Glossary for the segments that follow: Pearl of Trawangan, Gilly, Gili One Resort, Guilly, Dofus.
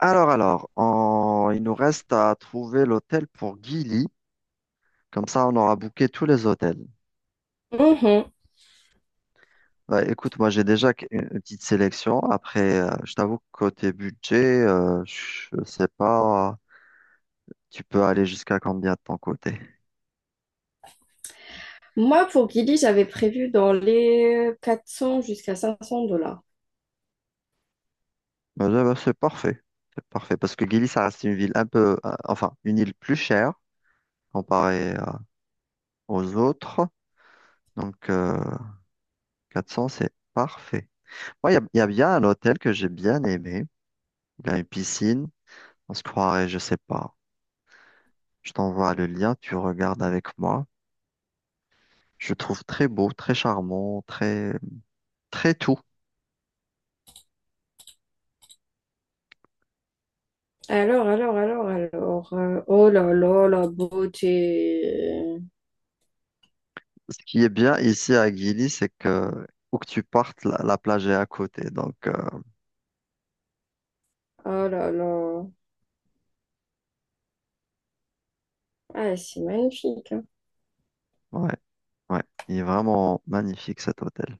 Il nous reste à trouver l'hôtel pour Gilly. Comme ça, on aura booké tous les hôtels. Mhm. Bah, écoute, moi, j'ai déjà une petite sélection. Après, je t'avoue que côté budget, je sais pas, tu peux aller jusqu'à combien de ton côté? Moi, pour Gilly, j'avais prévu dans les 400 jusqu'à 500 dollars. Bah, c'est parfait. C'est parfait. Parce que Gilly, ça reste une ville un peu, enfin, une île plus chère comparée, aux autres. Donc, 400, c'est parfait. Moi, il y a bien un hôtel que j'ai bien aimé. Il a une piscine. On se croirait, je sais pas. Je t'envoie le lien, tu regardes avec moi. Je trouve très beau, très charmant, très tout. Alors. Oh là là, la beauté. Ce qui est bien ici à Guilly, c'est que où que tu partes, la plage est à côté. Donc, Oh là là. Ah, c'est magnifique, hein. ouais, ouais, il est vraiment magnifique cet hôtel.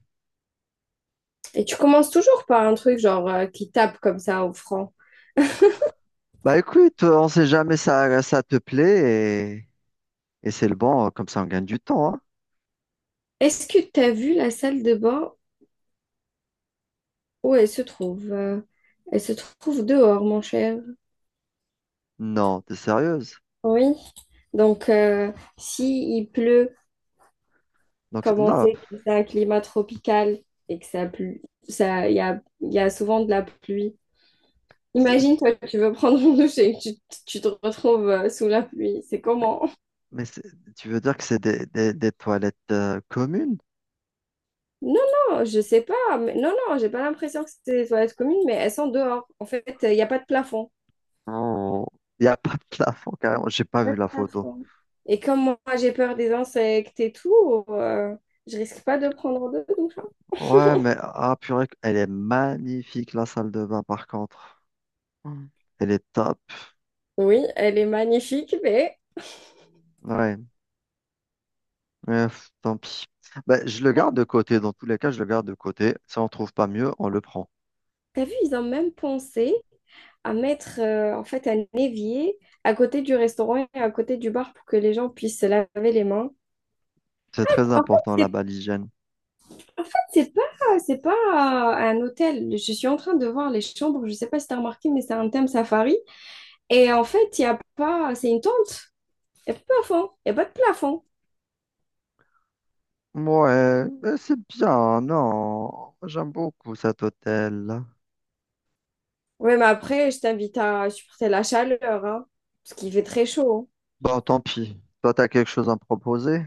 Et tu commences toujours par un truc genre qui tape comme ça au franc. Bah écoute, on sait jamais ça te plaît et c'est le bon, comme ça on gagne du temps, hein. Est-ce que tu as vu la salle de bain où elle se trouve? Elle se trouve dehors, mon cher. Non, t'es sérieuse? Oui. Donc, si il pleut, Donc, c'est- comme on non, sait que c'est un climat tropical et que ça pue, ça, il y a souvent de la pluie. c'est- Imagine, toi, tu veux prendre une douche et tu te retrouves sous la pluie. C'est comment? mais c'est- Tu veux dire que c'est des toilettes communes? Non, non, je sais pas. Non, non, j'ai pas l'impression que c'est des toilettes communes, mais elles sont dehors. En fait, il n'y a pas de plafond. Oh, il n'y a pas de plafond, carrément. J'ai Y pas a pas vu de la photo. plafond. Et comme moi, j'ai peur des insectes et tout, euh, je risque pas de prendre de douche, hein. Ouais, mais ah, purée, elle est magnifique, la salle de bain, par contre. Mm. Elle est top. Oui, elle est magnifique, mais Ouais, mais, pff, tant pis. Ben, je le garde de côté. Dans tous les cas, je le garde de côté. Si on trouve pas mieux, on le prend. t'as vu, ils ont même pensé à mettre en fait un évier à côté du restaurant et à côté du bar pour que les gens puissent se laver les mains. C'est très En fait, important, c'est pas, là-bas, l'hygiène. c'est pas un hôtel. Je suis en train de voir les chambres. Je sais pas si t'as remarqué, mais c'est un thème safari. Et en fait, il y a pas, c'est une tente. Il n'y a pas de plafond. Il n'y a pas de plafond. Ouais, mais c'est bien, non. J'aime beaucoup cet hôtel. Ouais, mais après, je t'invite à supporter la chaleur, hein, parce qu'il fait très chaud, hein. Bon, tant pis. Toi, t'as quelque chose à me proposer?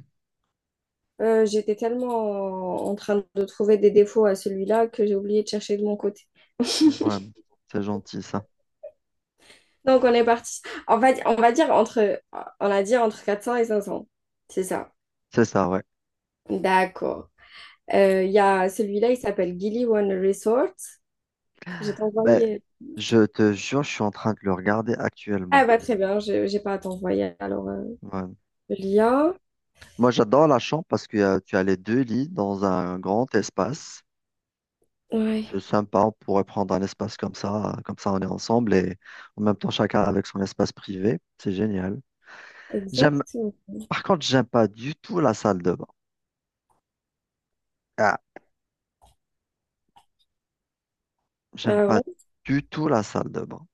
J'étais tellement en train de trouver des défauts à celui-là que j'ai oublié de chercher de mon côté. Ouais, c'est gentil, ça. Donc, on est parti. On va dire entre, on a dit entre 400 et 500. C'est ça. C'est ça, ouais. D'accord. Il y a celui-là, il s'appelle Gili One Resort. J'ai Ben, t'envoyé. je te jure, je suis en train de le regarder Ah actuellement. bah, très bien. Je J'ai pas à t'envoyer alors, Ouais. le lien. Moi, j'adore la chambre parce que tu as les deux lits dans un grand espace. Ouais, C'est sympa, on pourrait prendre un espace comme ça on est ensemble et en même temps chacun avec son espace privé. C'est génial. J'aime, exactement. par contre, j'aime pas du tout la salle de bain. Ah, j'aime Ah pas ouais. du tout la salle de bain.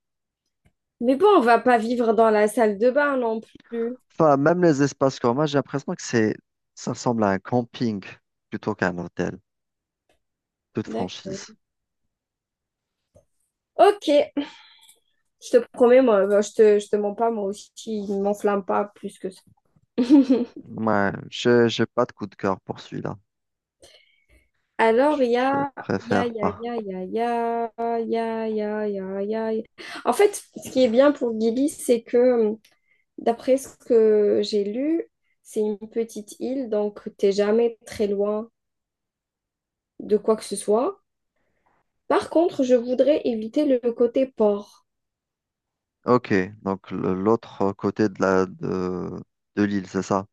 Mais bon, on va pas vivre dans la salle de bain non plus. Enfin, même les espaces communs, j'ai l'impression que c'est, ça ressemble à un camping plutôt qu'à un hôtel, toute D'accord. franchise. Ok. Je te promets, moi, bah, je te mens pas, moi aussi, il m'enflamme pas plus que ça. Ouais, j'ai pas de coup de cœur pour celui-là. Alors, il y Je a, il y a, préfère il y a, il pas. y a, il y a, il y a, il y a, il y a, il y a, il y a- En fait, ce qui est bien pour Gili, c'est que, hum, d'après ce que j'ai lu, c'est une petite île, donc t'es jamais très loin de quoi que ce soit. Par contre, je voudrais éviter le côté port. Ok, donc l'autre côté de de l'île, c'est ça?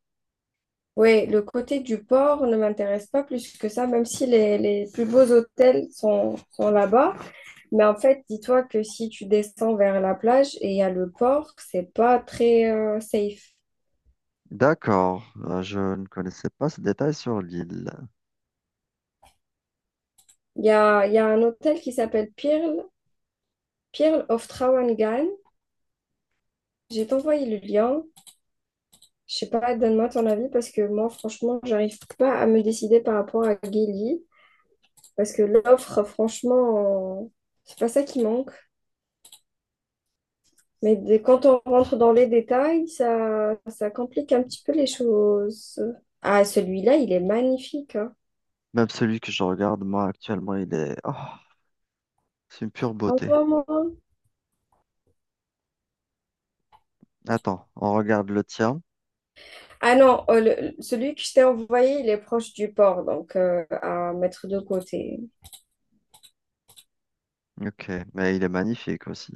Oui, le côté du port ne m'intéresse pas plus que ça, même si les plus beaux hôtels sont là-bas. Mais en fait, dis-toi que si tu descends vers la plage et il y a le port, c'est pas très safe. D'accord. Je ne connaissais pas ce détail sur l'île. Il y a, un hôtel qui s'appelle Pearl, Pearl of Trawangan. J'ai t'envoyé le lien. Je sais pas, donne-moi ton avis parce que moi, franchement, j'arrive pas à me décider par rapport à Gili. Parce que l'offre, franchement, c'est pas ça qui manque. Quand on rentre dans les détails, ça complique un petit peu les choses. Ah, celui-là, il est magnifique, hein. Même celui que je regarde, moi, actuellement, il est... Oh, c'est une pure beauté. Envoie-moi. Attends, on regarde le tien. Ah non, celui que je t'ai envoyé, il est proche du port, donc à mettre de côté. Ok, mais il est magnifique aussi.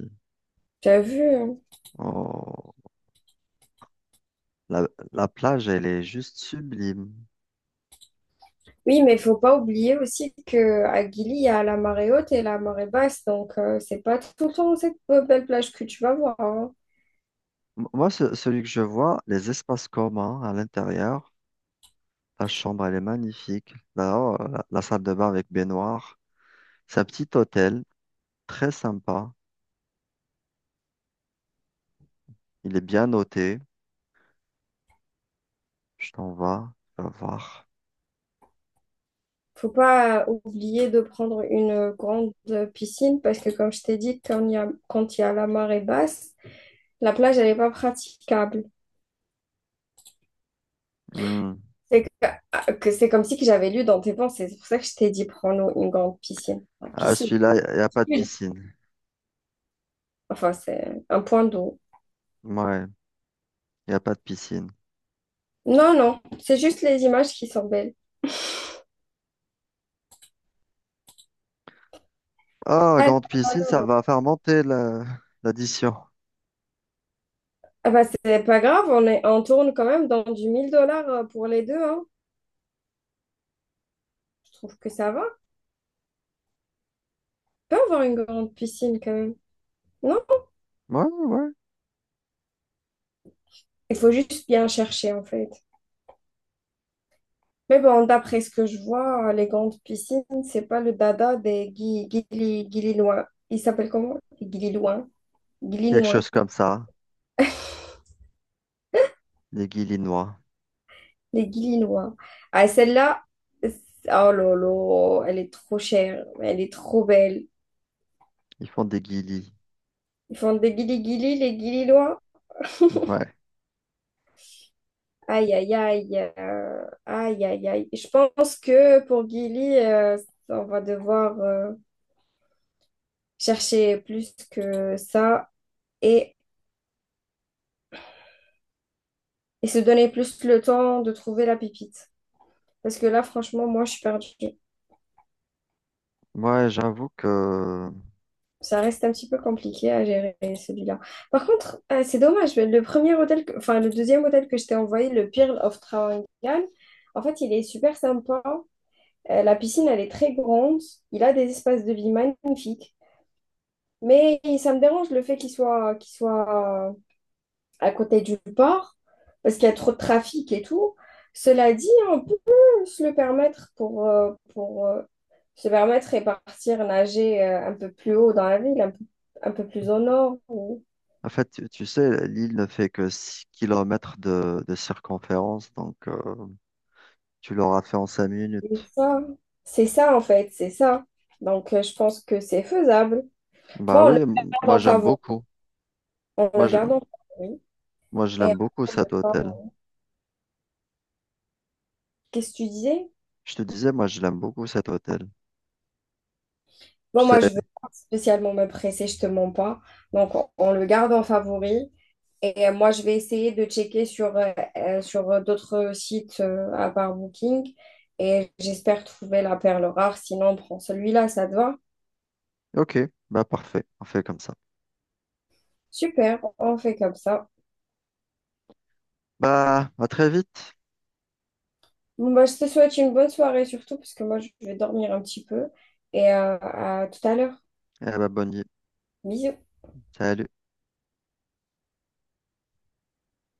T'as vu, hein? Oh, la plage, elle est juste sublime. Oui, mais il faut pas oublier aussi que à Gili, il y a la marée haute et la marée basse, donc c'est pas tout le temps cette belle plage que tu vas voir, hein. Celui que je vois, les espaces communs à l'intérieur. Ta chambre, elle est magnifique. Là la salle de bain avec baignoire. C'est un petit hôtel, très sympa. Il est bien noté. Je t'envoie. Vas, tu vas voir. Faut pas oublier de prendre une grande piscine parce que comme je t'ai dit, quand il y a la marée basse, la plage, elle est pas praticable. Hmm. C'est que, ah, que c'est comme si que j'avais lu dans tes pensées. C'est pour ça que je t'ai dit, prends-nous une grande piscine. Enfin, Ah, piscine. celui-là, il n'y y a pas de piscine. Enfin, c'est un point d'eau. Ouais, il n'y a pas de piscine. Non, non, c'est juste les images qui sont belles. Ah, Ah, grande piscine, ça alors. va faire monter la- l'addition. Ah bah, c'est pas grave, on tourne quand même dans du 1000 dollars pour les deux, hein. Je trouve que ça va. On peut avoir une grande piscine quand même. Non, Ouais, ouais, ouais. il faut juste bien chercher en fait. Mais bon, d'après ce que je vois, les grandes piscines, c'est pas le dada des Guilinois. Ils s'appellent comment? Les Guilinois. Quelque Guilinois. chose comme ça. Les Guilinois. Les Guilinois. Ah, celle-là, c'est- oh lolo, elle est trop chère, mais elle est trop belle. Ils font des guilis. Ils font des guilis guilis les guililois. Ouais. Aïe, aïe, aïe. Aïe, aïe, aïe. Je pense que pour guili, on va devoir chercher plus que ça et, et se donner plus le temps de trouver la pépite. Parce que là, franchement, moi, je suis perdue. Ouais, j'avoue que Ça reste un petit peu compliqué à gérer celui-là. Par contre, c'est dommage. Mais le premier hôtel, enfin, le deuxième hôtel que je t'ai envoyé, le Pearl of Trawangan, en fait, il est super sympa. La piscine, elle est très grande. Il a des espaces de vie magnifiques. Mais ça me dérange le fait qu'il soit à côté du port, parce qu'il y a trop de trafic et tout. Cela dit, on peut se le permettre pour se permettre et partir nager un peu plus haut dans la ville, un peu plus au nord. En fait, tu sais, l'île ne fait que 6 kilomètres de, circonférence, donc tu l'auras fait en 5 Et minutes. ça, c'est ça. Donc je pense que c'est faisable. Bon, Bah on le oui, garde moi en j'aime favori. beaucoup. On le Moi je, garde en favori. moi je Et l'aime beaucoup on prend cet le temps. hôtel. Qu'est-ce que tu disais? Je te disais, moi je l'aime beaucoup cet hôtel. Je Bon, sais, moi, je veux pas spécialement me presser, je te mens pas. Donc, on le garde en favori. Et moi, je vais essayer de checker sur d'autres sites à part Booking. Et j'espère trouver la perle rare. Sinon, on prend celui-là, ça te va? ok, bah parfait, on fait comme ça. Super, on fait comme ça. Bah à très vite, Bon bah, je te souhaite une bonne soirée surtout, parce que moi, je vais dormir un petit peu. Et à tout à l'heure. et bah bonne nuit. Bisous. Salut.